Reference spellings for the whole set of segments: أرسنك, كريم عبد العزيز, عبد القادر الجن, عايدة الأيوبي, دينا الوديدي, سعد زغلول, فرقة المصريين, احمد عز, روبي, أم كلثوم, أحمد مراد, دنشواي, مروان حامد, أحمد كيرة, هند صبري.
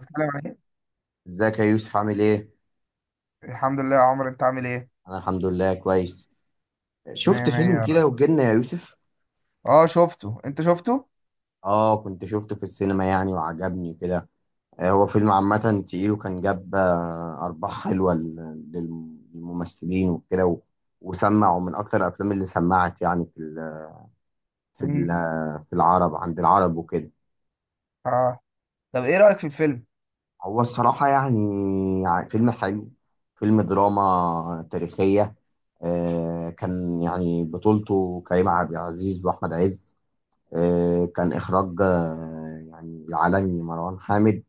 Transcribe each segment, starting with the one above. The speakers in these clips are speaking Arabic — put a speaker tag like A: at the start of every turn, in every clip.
A: السلام عليكم.
B: ازيك يا يوسف عامل ايه؟
A: الحمد لله يا عمرو، انت عامل ايه؟
B: انا الحمد لله كويس.
A: مية
B: شفت
A: مية
B: فيلم
A: يا رب.
B: كده وجنة يا يوسف؟
A: اه شفته، انت شفته؟
B: اه كنت شفته في السينما يعني وعجبني كده. هو فيلم عامة تقيل وكان جاب أرباح حلوة للممثلين وكده وسمع ومن أكتر الأفلام اللي سمعت يعني
A: مم.
B: في العرب عند العرب وكده.
A: اه، طب ايه رأيك في الفيلم؟
B: هو الصراحة يعني فيلم حلو، فيلم دراما تاريخية. كان يعني بطولته كريم عبد العزيز وأحمد عز. كان إخراج يعني العالمي مروان حامد.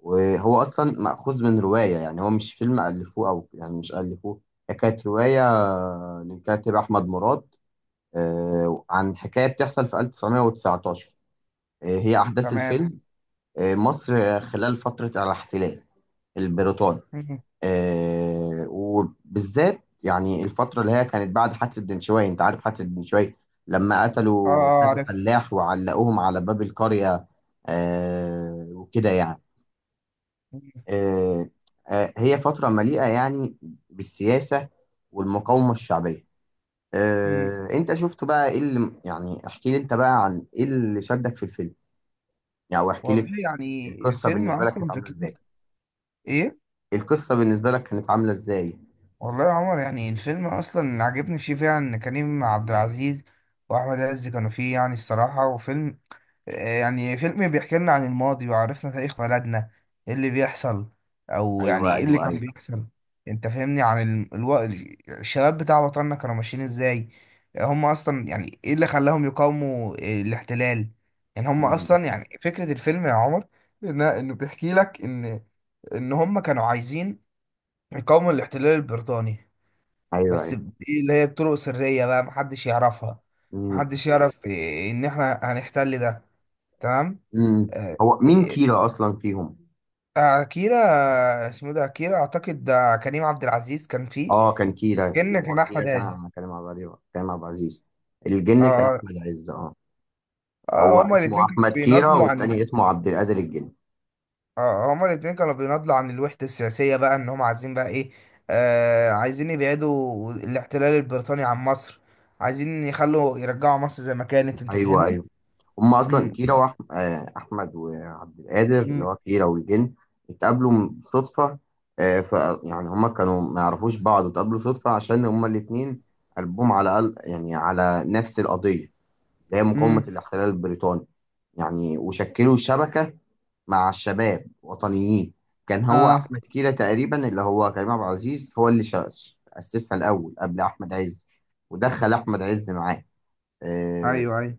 B: وهو أصلا مأخوذ من رواية، يعني هو مش فيلم ألفوه، أو يعني مش ألفوه. هي كانت رواية للكاتب أحمد مراد. عن حكاية بتحصل في 1919. هي أحداث
A: تمام.
B: الفيلم. مصر خلال فترة الاحتلال البريطاني.
A: مم.
B: آه وبالذات يعني الفترة اللي هي كانت بعد حادثة دنشواي، انت عارف حادثة دنشواي، لما
A: اه
B: قتلوا
A: اه
B: كذا
A: عارف.
B: فلاح وعلقوهم على باب القرية. آه وكده يعني.
A: مم.
B: آه. آه، هي فترة مليئة يعني بالسياسة والمقاومة الشعبية.
A: مم.
B: آه، انت شفت بقى ايه اللي يعني، احكي لي انت بقى عن ايه اللي شدك في الفيلم، يعني واحكي لي
A: والله يعني
B: القصة
A: الفيلم
B: بالنسبة لك كانت
A: اصلا
B: عاملة
A: فكرته
B: ازاي؟
A: ايه؟
B: القصة بالنسبة لك كانت عاملة ازاي؟
A: والله يا عمر، يعني الفيلم اصلا عجبني فيه فعلا ان كريم عبد العزيز واحمد عز كانوا فيه، يعني الصراحة، وفيلم يعني فيلم بيحكي لنا عن الماضي وعرفنا تاريخ بلدنا، ايه اللي بيحصل او يعني
B: ايوه،
A: ايه اللي
B: ايوه،
A: كان
B: ايوه.
A: بيحصل. انت فاهمني؟ عن الشباب بتاع وطننا كانوا ماشيين ازاي، هم اصلا يعني ايه اللي خلاهم يقاوموا الاحتلال. يعني هم
B: مم.
A: اصلا يعني فكرة الفيلم يا عمر انه بيحكي لك ان هم كانوا عايزين يقاوموا الاحتلال البريطاني،
B: ايوه.
A: بس دي اللي هي بطرق سرية بقى محدش يعرفها،
B: مم.
A: محدش يعرف إيه ان احنا هنحتل ده. تمام.
B: مم.
A: آه،
B: هو مين
A: يعني
B: كيرا اصلا فيهم؟
A: اكيرا، اسمه إيه ده، اكيرا اعتقد ده كريم عبد العزيز كان فيه.
B: اه، كان كيرا،
A: كان
B: هو
A: كان
B: كيرا
A: احمد عز.
B: كان مع بعض. كان مع عبد العزيز. الجن كان
A: اه
B: احمد عز، اه.
A: اه.
B: هو
A: هما
B: اسمه
A: الاتنين كانوا
B: احمد كيرا
A: بيناضلوا عن،
B: والتاني اسمه عبد القادر الجن.
A: اه هما الاتنين كانوا بيناضلوا عن الوحدة السياسية، بقى ان هما عايزين بقى ايه، آه عايزين يبعدوا الاحتلال البريطاني عن مصر، عايزين يخلوا يرجعوا مصر زي ما كانت. انت
B: ايوه،
A: فاهمني؟
B: ايوه. هما اصلا
A: امم.
B: كيرا واحمد وعبد القادر، اللي هو
A: امم.
B: كيرا والجن، اتقابلوا صدفه. آه، ف يعني هما كانوا ما يعرفوش بعض واتقابلوا صدفه، عشان هما الاتنين قلبهم على قلب، يعني على نفس القضيه، اللي هي مقاومه
A: امم.
B: الاحتلال البريطاني. يعني وشكلوا شبكه مع الشباب وطنيين. كان هو
A: اه.
B: احمد كيرة تقريبا، اللي هو كريم عبد العزيز، هو اللي اسسها الاول قبل احمد عز، ودخل احمد عز معاه. آه،
A: ايوه ايوه.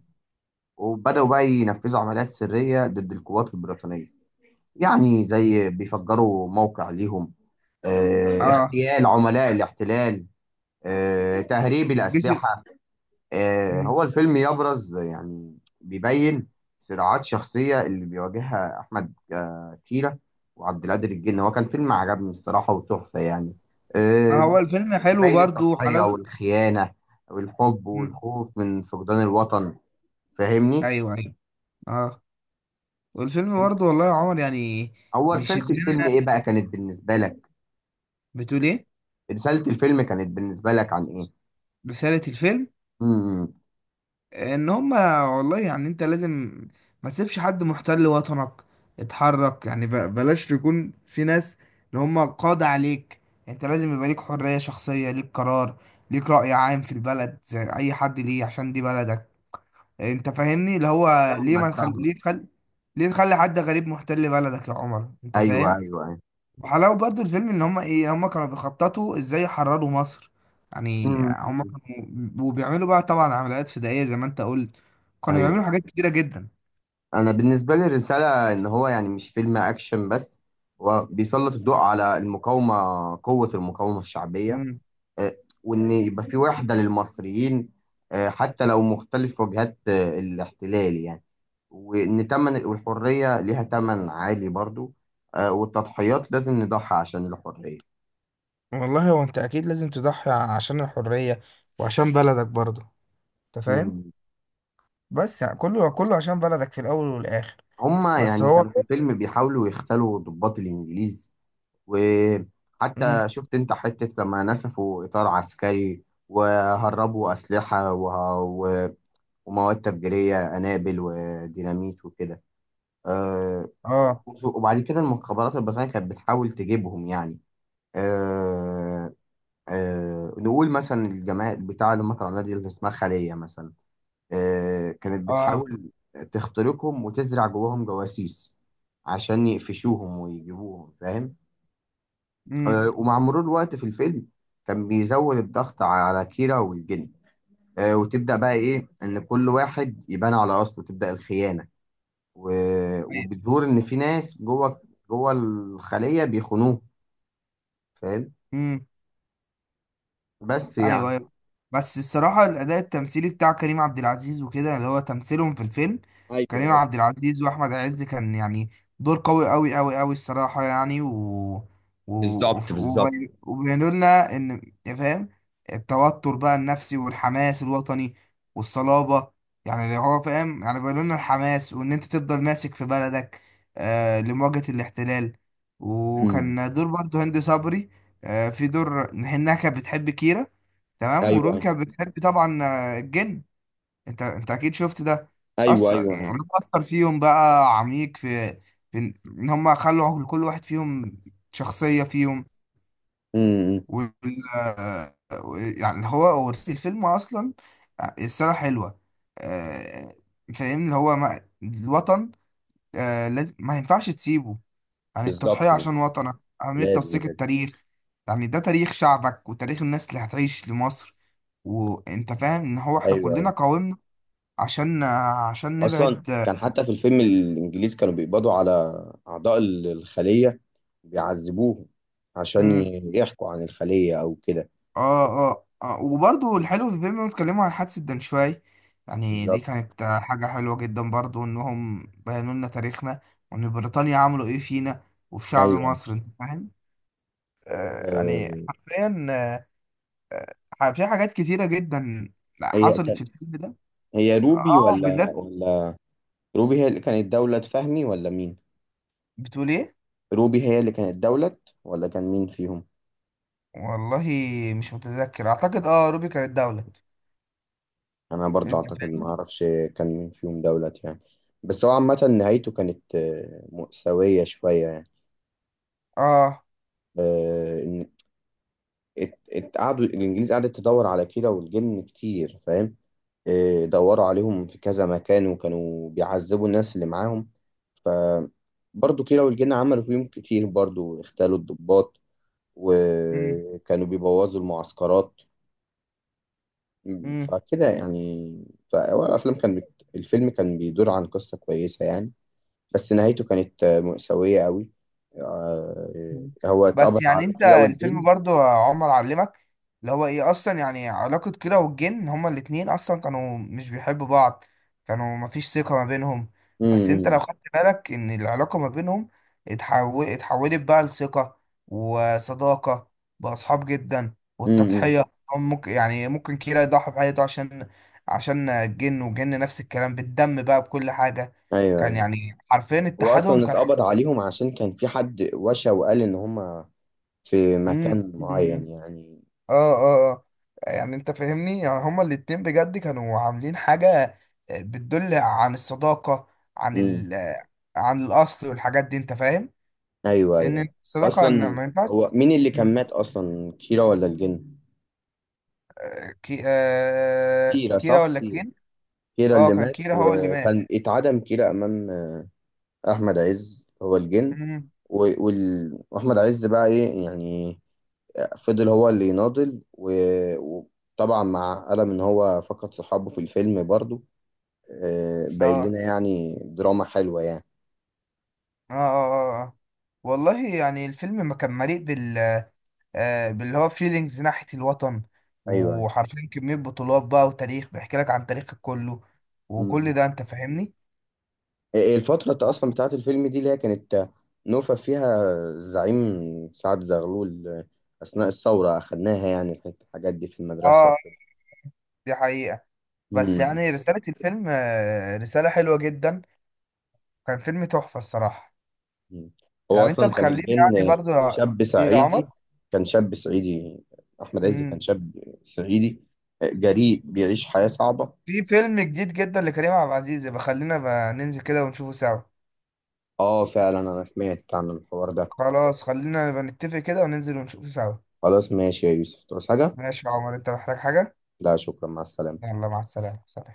B: وبداوا بقى ينفذوا عمليات سريه ضد القوات البريطانيه، يعني زي بيفجروا موقع ليهم،
A: اه.
B: اغتيال عملاء الاحتلال، تهريب
A: الجيش.
B: الاسلحه.
A: مم.
B: هو الفيلم يبرز يعني بيبين صراعات شخصية اللي بيواجهها أحمد كيرة وعبد القادر الجن. هو كان فيلم عجبني الصراحة وتحفة يعني.
A: آه
B: آه،
A: هو الفيلم حلو،
B: بيبين
A: برضو
B: التضحية
A: حلاوته.
B: والخيانة والحب
A: مم.
B: والخوف من فقدان الوطن. فاهمني؟
A: ايوه ايوه. اه والفيلم
B: أنت-
A: برضه والله يا عمر يعني
B: هو رسالة
A: بيشدنا.
B: الفيلم إيه بقى كانت بالنسبة لك؟
A: بتقول ايه؟
B: رسالة الفيلم كانت بالنسبة لك عن إيه؟
A: رسالة الفيلم
B: امم.
A: ان هما، والله يعني انت لازم ما تسيبش حد محتل وطنك، اتحرك، يعني بلاش يكون في ناس اللي هما قاضي عليك. انت لازم يبقى ليك حرية شخصية، ليك قرار، ليك رأي عام في البلد زي اي حد ليه، عشان دي بلدك. انت فاهمني؟ اللي هو ليه ما
B: فاهمك
A: تخلي،
B: فاهمك.
A: ليه تخلي، ليه تخلي حد غريب محتل بلدك يا عمر؟ انت
B: أيوه، أيوه،
A: فاهم؟
B: أيوه.
A: وحلاوة برضو الفيلم ان هم ايه، هم كانوا بيخططوا ازاي يحرروا مصر. يعني
B: امم.
A: هم كانوا وبيعملوا بقى طبعا عمليات فدائية زي ما انت قلت، كانوا بيعملوا
B: أيوه.
A: حاجات كتيرة جدا.
B: انا بالنسبه لي الرساله ان هو يعني مش فيلم اكشن بس، هو بيسلط الضوء على المقاومه، قوه المقاومه الشعبيه.
A: مم.
B: آه، وان يبقى في وحده للمصريين، حتى لو مختلف وجهات الاحتلال يعني. وان تمن، والحريه ليها تمن عالي برضو. والتضحيات لازم نضحي عشان الحريه.
A: والله هو انت اكيد لازم تضحي عشان الحرية وعشان بلدك برضو. انت فاهم؟
B: مم.
A: بس يعني كله كله عشان بلدك في الاول والاخر.
B: هما
A: بس
B: يعني
A: هو.
B: كانوا في الفيلم بيحاولوا يختلوا ضباط الانجليز،
A: مم.
B: وحتى شفت انت حتة لما نسفوا إطار عسكري وهربوا أسلحة ومواد تفجيرية، قنابل وديناميت وكده. أه...
A: اه
B: وبعد كده المخابرات البريطانية كانت بتحاول تجيبهم يعني. أه... نقول مثلا الجماعة بتاع اللي هم طلعوا نادي اللي اسمها خلية مثلا، كانت
A: اه.
B: بتحاول تخترقهم وتزرع جواهم جواسيس عشان يقفشوهم ويجيبوهم، فاهم؟ ومع مرور الوقت في الفيلم كان بيزود الضغط على كيرا والجن. وتبدأ بقى إيه، إن كل واحد يبان على أصله، تبدأ الخيانة، وبتظهر إن في ناس جوه الخلية بيخونوه، فاهم؟
A: امم.
B: بس
A: ايوه
B: يعني.
A: ايوه. بس الصراحه الاداء التمثيلي بتاع كريم عبد العزيز وكده، اللي هو تمثيلهم في الفيلم،
B: ايوه،
A: كريم عبد
B: ايوه.
A: العزيز واحمد عز، كان يعني دور قوي قوي قوي قوي الصراحه، يعني
B: بالظبط بالظبط.
A: وبينوا لنا ان، يا فاهم، التوتر بقى النفسي والحماس الوطني والصلابه، يعني اللي هو فاهم يعني بينوا لنا الحماس وان انت تفضل ماسك في بلدك آه لمواجهه الاحتلال.
B: امم.
A: وكان دور برضه هند صبري، آه في دور انها كانت بتحب كيرة، تمام،
B: ايوه،
A: وروبي كانت بتحب طبعا الجن. انت انت اكيد شفت ده،
B: ايوه،
A: اثر
B: ايوه،
A: يعني
B: ايوه.
A: اثر فيهم بقى عميق في ان إن هم خلوا لكل واحد فيهم شخصية فيهم.
B: امم.
A: وال آه، يعني هو ورث الفيلم اصلا السنة حلوة. آه، فاهمني اللي هو ما... الوطن لازم ما ينفعش تسيبه، عن
B: بالظبط
A: التضحية عشان
B: بالظبط.
A: وطنك، أهمية
B: لازم
A: توثيق
B: لازم.
A: التاريخ، يعني ده تاريخ شعبك وتاريخ الناس اللي هتعيش لمصر. وانت فاهم ان هو احنا
B: ايوه.
A: كلنا قاومنا عشان، عشان
B: اصلا
A: نبعد.
B: كان حتى في الفيلم الانجليز كانوا بيقبضوا على اعضاء الخليه، بيعذبوهم عشان
A: مم.
B: يحكوا عن الخليه او كده.
A: اه اه اه، وبرضو الحلو في الفيلم إنهم اتكلموا عن حادثة دنشواي، يعني دي
B: بالظبط.
A: كانت حاجة حلوة جدا برضو انهم بينوا لنا تاريخنا، وان بريطانيا عملوا ايه فينا وفي شعب
B: ايوه.
A: مصر. انت فاهم؟ آه يعني
B: آه،
A: حرفيا في حاجات كتيرة جدا
B: هي
A: حصلت
B: كان،
A: في الفيلم ده،
B: هي روبي
A: اه
B: ولا
A: بالذات.
B: ولا روبي هي اللي كانت دولة فهمي ولا مين؟
A: بتقول ايه؟
B: روبي هي اللي كانت دولة، ولا كان مين فيهم؟
A: والله مش متذكر، اعتقد اه روبي كانت دولة.
B: انا برضه
A: انت
B: اعتقد، ما
A: فاهمني؟
B: اعرفش كان مين فيهم دولة يعني. بس هو عامة نهايته كانت مأساوية شوية يعني.
A: اه.
B: آه، قعدوا الانجليز، قعدت تدور على كيرة والجن كتير، فاهم؟ إيه، دوروا عليهم في كذا مكان وكانوا بيعذبوا الناس اللي معاهم. ف برضه كيرة والجن عملوا فيهم كتير برضه، اغتالوا الضباط وكانوا بيبوظوا المعسكرات.
A: امم.
B: فكده يعني، فهو الافلام كان بت... الفيلم كان بيدور عن قصة كويسة يعني، بس نهايته كانت مأساوية قوي. هو اتقبض
A: بس
B: على
A: يعني انت
B: كيرة
A: الفيلم
B: والجن.
A: برضو يا عمر علمك اللي هو ايه، اصلا يعني علاقة كيرة والجن، هما الاتنين اصلا كانوا مش بيحبوا بعض، كانوا مفيش ثقة ما بينهم.
B: امم.
A: بس انت لو
B: امم.
A: خدت بالك ان العلاقة ما بينهم اتحولت بقى لثقة وصداقة، بقى اصحاب جدا،
B: امم، امم.
A: والتضحية، هم ممكن يعني ممكن كيرة يضحي بحياته عشان، عشان الجن، والجن نفس الكلام بالدم بقى بكل حاجة.
B: ايوه،
A: كان
B: أيوة.
A: يعني حرفيا
B: هو
A: اتحادهم
B: اصلا
A: كان.
B: اتقبض عليهم عشان كان في حد وشى وقال ان هم في
A: مم.
B: مكان معين يعني.
A: اه اه اه. يعني انت فاهمني، يعني هما الاتنين بجد كانوا عاملين حاجة بتدل عن الصداقة، عن
B: امم.
A: ال آه، عن الأصل والحاجات دي. انت فاهم
B: ايوه،
A: ان
B: ايوه.
A: الصداقة ان
B: اصلا،
A: ما ينفعش.
B: هو مين اللي كان
A: مم.
B: مات اصلا، كيرا ولا الجن؟ كيرا،
A: كيرا
B: صح،
A: ولا
B: كيرا.
A: كين؟
B: كيرا
A: اه
B: اللي
A: كان
B: مات،
A: كيرا هو اللي مات.
B: وكان اتعدم كيرا امام. احمد عز هو الجن.
A: مم.
B: واحمد عز بقى ايه يعني، فضل هو اللي يناضل، وطبعا مع ألم ان هو فقد صحابه في الفيلم برضو.
A: اه
B: باين
A: اه
B: لنا يعني دراما حلوة يعني.
A: اه اه آه. والله يعني الفيلم ما كان مليء بال باللي هو فيلينجز ناحية الوطن،
B: ايوه، ايوه.
A: وحرفيا كمية بطولات بقى، وتاريخ بيحكي لك عن تاريخك كله،
B: أمم.
A: وكل ده. انت فاهمني؟
B: إيه الفترة اصلا بتاعت الفيلم دي، اللي هي كانت نوفا فيها الزعيم سعد زغلول اثناء الثورة؟ اخدناها يعني الحاجات دي في المدرسة
A: اه
B: وكده.
A: دي حقيقة. بس
B: أمم.
A: يعني رسالة الفيلم رسالة حلوة جدا، كان فيلم تحفة الصراحة.
B: أمم. هو
A: يعني انت
B: اصلا كان
A: مخليني، يعني
B: الجن
A: برضو
B: شاب
A: ايه يا
B: صعيدي.
A: عمر.
B: كان شاب صعيدي احمد عز كان
A: مم.
B: شاب صعيدي، جريء، بيعيش حياة صعبة.
A: في فيلم جديد جدا لكريم عبد العزيز، يبقى خلينا بقى ننزل كده ونشوفه سوا.
B: اه فعلا، انا سمعت عن الحوار ده.
A: خلاص خلينا بقى نتفق كده وننزل ونشوفه سوا.
B: خلاص ماشي يا يوسف، تعوز حاجة؟
A: ماشي يا عمر، انت محتاج حاجة؟
B: لا شكرا، مع السلامة.
A: يلا مع السلامة، سلام.